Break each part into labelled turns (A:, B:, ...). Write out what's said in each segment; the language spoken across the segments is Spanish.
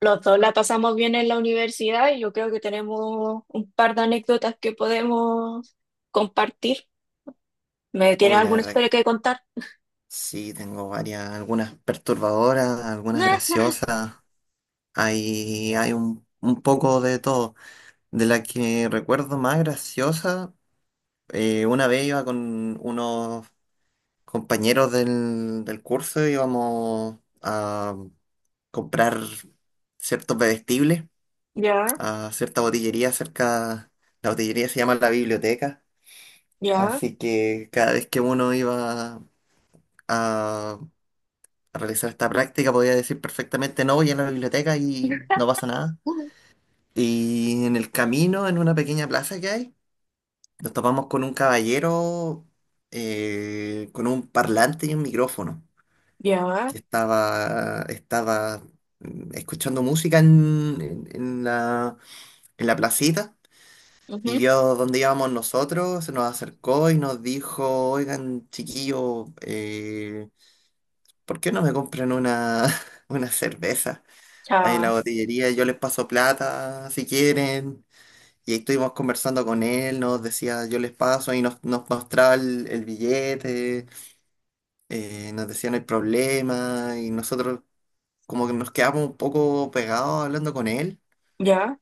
A: Los dos la pasamos bien en la universidad y yo creo que tenemos un par de anécdotas que podemos compartir. ¿Me tienes
B: Uy, la
A: alguna
B: verdad,
A: historia que contar?
B: sí, tengo varias, algunas perturbadoras, algunas graciosas. Hay un poco de todo. De la que recuerdo más graciosa, una vez iba con unos compañeros del curso, íbamos a comprar ciertos bebestibles
A: Ya, ya,
B: a cierta botillería cerca. La botillería se llama La Biblioteca,
A: ya,
B: así que cada vez que uno iba a realizar esta práctica, podía decir perfectamente, no voy a la biblioteca y no pasa nada.
A: Ujú.
B: Y en el camino, en una pequeña plaza que hay, nos topamos con un caballero, con un parlante y un micrófono,
A: ya,
B: que estaba escuchando música en la placita. Y vio dónde íbamos nosotros, se nos acercó y nos dijo: oigan, chiquillo, ¿por qué no me compran una cerveza? Ahí en la botillería yo les paso plata si quieren. Y ahí estuvimos conversando con él, nos decía yo les paso y nos mostraba el billete, nos decía no hay problema y nosotros como que nos quedamos un poco pegados hablando con él,
A: ya,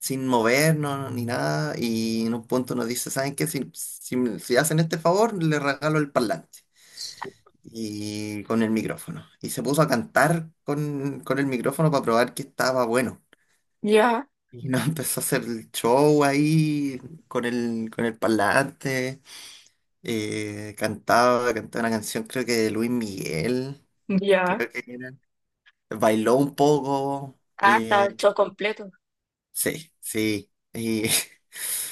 B: sin movernos ni nada y en un punto nos dice: ¿saben qué? Si hacen este favor, les regalo el parlante y con el micrófono. Y se puso a cantar con el micrófono para probar que estaba bueno.
A: ya,
B: Y no empezó a hacer el show ahí con el parlante. Cantaba una canción, creo que de Luis Miguel.
A: ya.
B: Creo que era. Bailó un poco.
A: Ah, está el show completo.
B: Sí, sí. Y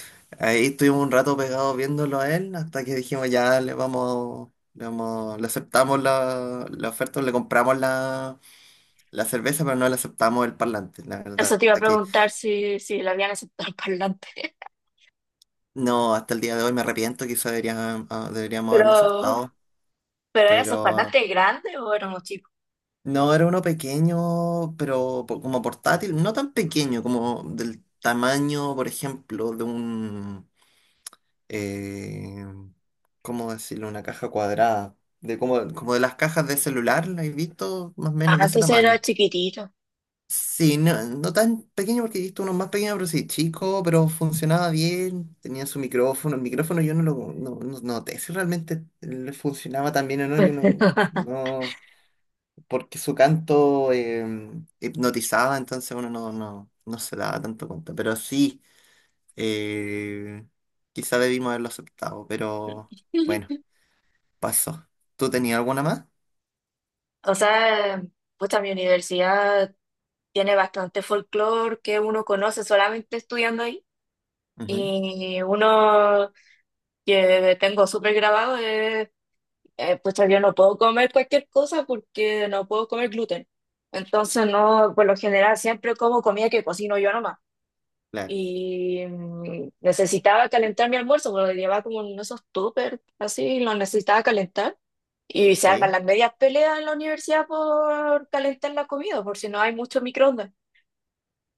B: ahí estuvimos un rato pegados viéndolo a él hasta que dijimos ya le aceptamos la oferta, le compramos la cerveza, pero no le aceptamos el parlante. La
A: Eso
B: verdad
A: te iba a
B: que
A: preguntar si, le habían aceptado el parlante.
B: no, hasta el día de hoy me arrepiento, quizá deberíamos haberlo
A: Pero,
B: aceptado.
A: pero ¿era esos
B: Pero
A: parlantes grandes o éramos chicos?
B: no, era uno pequeño, pero como portátil, no tan pequeño, como del tamaño, por ejemplo, de un, eh, ¿cómo decirlo? Una caja cuadrada, de como de las cajas de celular, ¿la he visto? Más o
A: Ah,
B: menos de ese
A: entonces era
B: tamaño.
A: chiquitito.
B: Sí, no, no tan pequeño porque he visto uno más pequeño, pero sí, chico, pero funcionaba bien, tenía su micrófono, el micrófono yo no lo no, no noté si realmente le funcionaba tan bien o no, yo no. Porque su canto, hipnotizaba, entonces uno no se daba tanto cuenta. Pero sí, eh, quizá debimos haberlo aceptado, pero bueno, pasó. ¿Tú tenías alguna más?
A: O sea, pues mi universidad tiene bastante folclore que uno conoce solamente estudiando ahí.
B: Ujú.
A: Y uno que tengo súper grabado es, pucha, yo no puedo comer cualquier cosa porque no puedo comer gluten. Entonces, no, por lo general siempre como comida que cocino yo nomás.
B: Claro,
A: Y necesitaba calentar mi almuerzo, porque lo llevaba como en esos tuppers, así, lo necesitaba calentar. Y se arman
B: sí.
A: las medias peleas en la universidad por calentar la comida, por si no hay mucho microondas.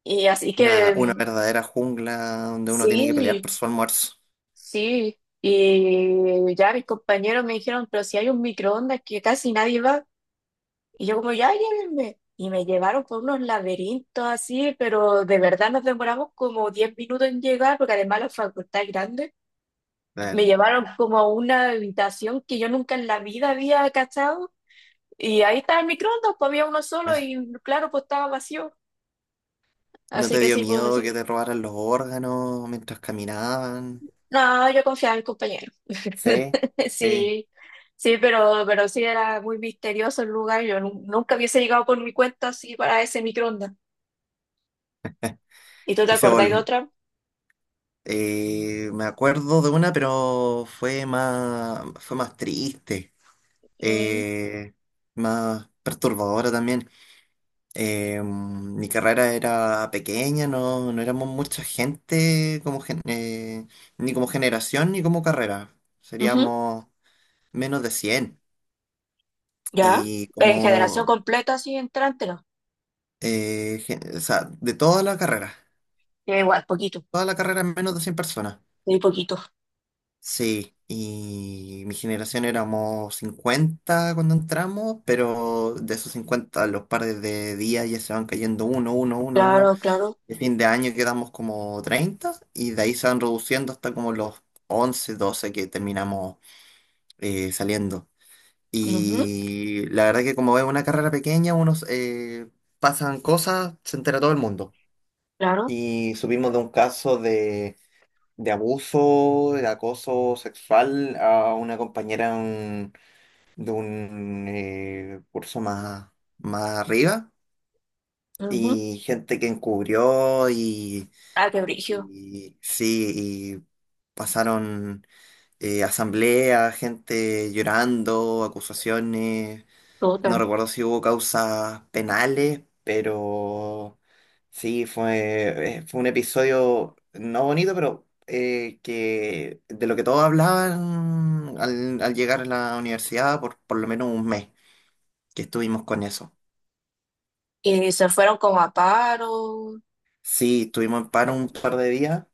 A: Y así
B: Una,
A: que
B: una verdadera jungla donde uno tiene que pelear por
A: sí,
B: su almuerzo.
A: sí. Y ya mis compañeros me dijeron, pero si hay un microondas que casi nadie va. Y yo como, ya llévenme. Y me llevaron por unos laberintos así, pero de verdad nos demoramos como 10 minutos en llegar, porque además la facultad es grande. Me
B: Claro.
A: llevaron como a una habitación que yo nunca en la vida había cachado. Y ahí estaba el microondas, pues había uno solo
B: Ah,
A: y claro, pues estaba vacío.
B: ¿no
A: Así
B: te
A: que
B: dio
A: sí, pues
B: miedo
A: eso.
B: que te robaran los órganos mientras caminaban?
A: No, yo confiaba en mis compañeros.
B: Sí, sí.
A: Sí, sí, pero sí era muy misterioso el lugar. Yo nunca hubiese llegado por mi cuenta así para ese microondas. ¿Y tú te
B: Y se
A: acordás de
B: volvió.
A: otra?
B: Me acuerdo de una, pero fue más triste,
A: Mm,
B: eh, más perturbadora también. Mi carrera era pequeña, no éramos mucha gente como ni como generación ni como carrera.
A: ujú.
B: Seríamos menos de 100
A: Ya.
B: y
A: En generación completa, así entrante, no.
B: o sea, de
A: Ya. Igual, poquito,
B: toda la carrera menos de 100 personas.
A: muy poquito.
B: Sí, y mi generación éramos 50 cuando entramos, pero de esos 50 los pares de días ya se van cayendo uno, uno, uno, uno.
A: Claro, claro.
B: El fin de año quedamos como 30 y de ahí se van reduciendo hasta como los 11 12 que terminamos, saliendo.
A: Ujú,
B: Y la verdad que como es una carrera pequeña, unos, pasan cosas, se entera todo el mundo.
A: claro.
B: Y supimos de un caso de abuso, de acoso sexual a una compañera de un curso más arriba
A: Ujú.
B: y gente que encubrió y,
A: Ah, qué brillo.
B: y sí, y pasaron, asambleas, gente llorando, acusaciones. No
A: Otra.
B: recuerdo si hubo causas penales, pero sí, fue un episodio no bonito, pero que de lo que todos hablaban al llegar a la universidad por lo menos un mes que estuvimos con eso.
A: Y se fueron como a paro.
B: Sí, estuvimos en paro un par de días,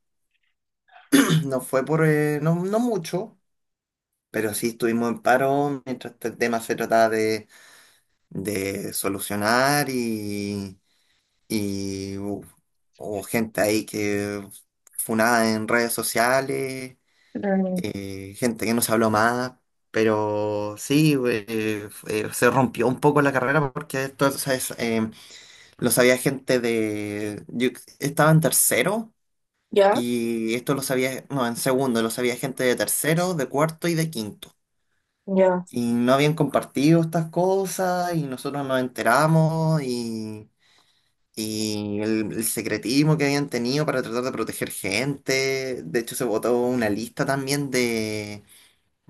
B: no fue no, no mucho, pero sí estuvimos en paro mientras este tema se trataba de solucionar y uf, hubo gente ahí que funada en redes sociales, gente que no se habló más, pero sí, se rompió un poco la carrera porque esto, o sea, lo sabía gente de... Yo estaba en tercero
A: Ya,
B: y esto lo sabía, no, en segundo, lo sabía gente de tercero, de cuarto y de quinto.
A: ya,
B: Y no habían compartido estas cosas y nosotros nos enteramos y el secretismo que habían tenido para tratar de proteger gente. De hecho, se votó una lista también de,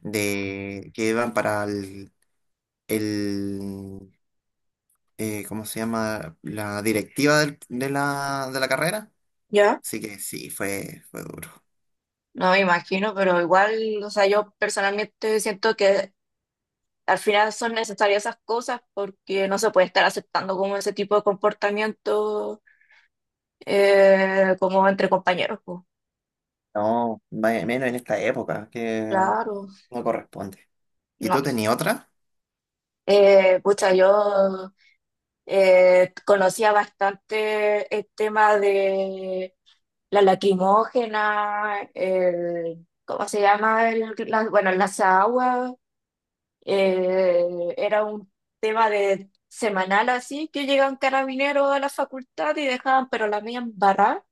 B: de que iban para el ¿cómo se llama? La directiva de la carrera.
A: ya.
B: Así que sí, fue duro.
A: No me imagino, pero igual, o sea, yo personalmente siento que al final son necesarias esas cosas porque no se puede estar aceptando como ese tipo de comportamiento como entre compañeros, pues.
B: No, menos en esta época, que
A: Claro,
B: no corresponde. ¿Y
A: no.
B: tú tenías otra?
A: Pucha, yo conocía bastante el tema de la lacrimógena, el ¿cómo se llama? El, la, bueno, las aguas. Era un tema de semanal así, que llegaban carabineros a la facultad y dejaban, pero la mía embarrada.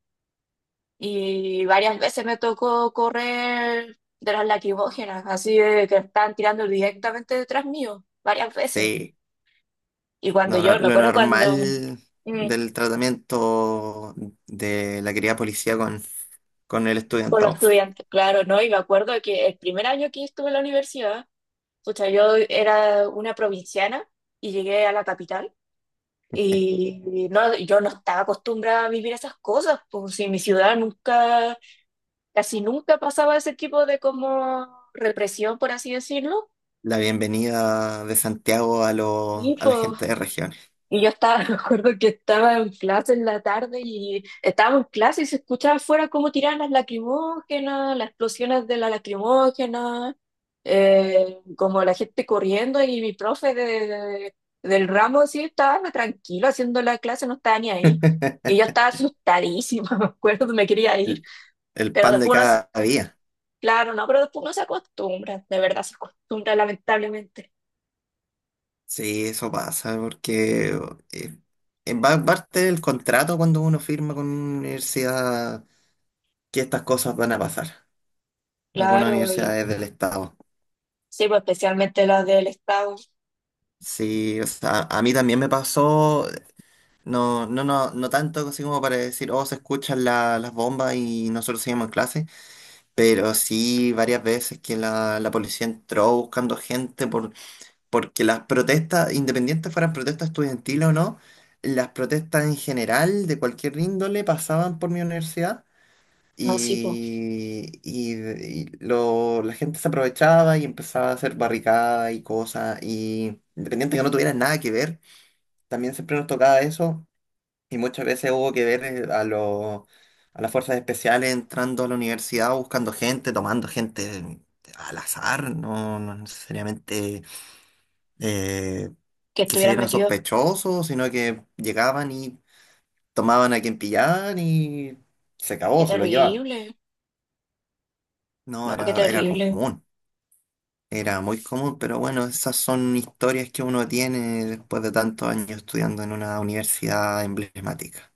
A: Y varias veces me tocó correr de las lacrimógenas, así de que estaban tirando directamente detrás mío, varias veces.
B: Sí.
A: Y cuando
B: No, no,
A: yo, me
B: lo
A: acuerdo cuando,
B: normal
A: mm,
B: del tratamiento de la querida policía con el
A: con los
B: estudiantado.
A: estudiantes, claro, ¿no? Y me acuerdo que el primer año que estuve en la universidad, pucha, yo era una provinciana y llegué a la capital. Y no, yo no estaba acostumbrada a vivir esas cosas, pues si en mi ciudad nunca, casi nunca pasaba ese tipo de como represión, por así decirlo.
B: La bienvenida de Santiago
A: Y
B: a la
A: pues,
B: gente de regiones.
A: y yo estaba, me acuerdo que estaba en clase en la tarde y estábamos en clase y se escuchaba afuera cómo tiraban las lacrimógenas, las explosiones de la lacrimógena, como la gente corriendo y mi profe del ramo sí estaba tranquilo haciendo la clase, no estaba ni ahí. Y yo estaba asustadísima, me acuerdo, me quería ir,
B: El, el
A: pero
B: pan de
A: después uno se,
B: cada día.
A: claro, no, pero después uno se acostumbra, de verdad se acostumbra lamentablemente.
B: Sí, eso pasa, porque eh, va parte del contrato cuando uno firma con una universidad que estas cosas van a pasar. Algunas
A: Claro, y
B: universidades del Estado.
A: sí, pues especialmente las del Estado,
B: Sí, o sea, a mí también me pasó. No, no, no, no tanto así como para decir: oh, se escuchan las bombas y nosotros seguimos en clase, pero sí varias veces que la policía entró buscando gente porque las protestas, independientes fueran protestas estudiantiles o no, las protestas en general de cualquier índole pasaban por mi universidad
A: así
B: y, la gente se aprovechaba y empezaba a hacer barricadas y cosas, y independiente que no tuvieran nada que ver, también siempre nos tocaba eso y muchas veces hubo que ver, a las fuerzas especiales entrando a la universidad, buscando gente, tomando gente al azar, no necesariamente, eh,
A: que
B: que se
A: estuvieran
B: vieran
A: metidos.
B: sospechosos, sino que llegaban y tomaban a quien pillaban y se
A: Qué
B: acabó, se lo llevaban.
A: terrible.
B: No,
A: No, qué
B: era
A: terrible.
B: común, era muy común, pero bueno, esas son historias que uno tiene después de tantos años estudiando en una universidad emblemática.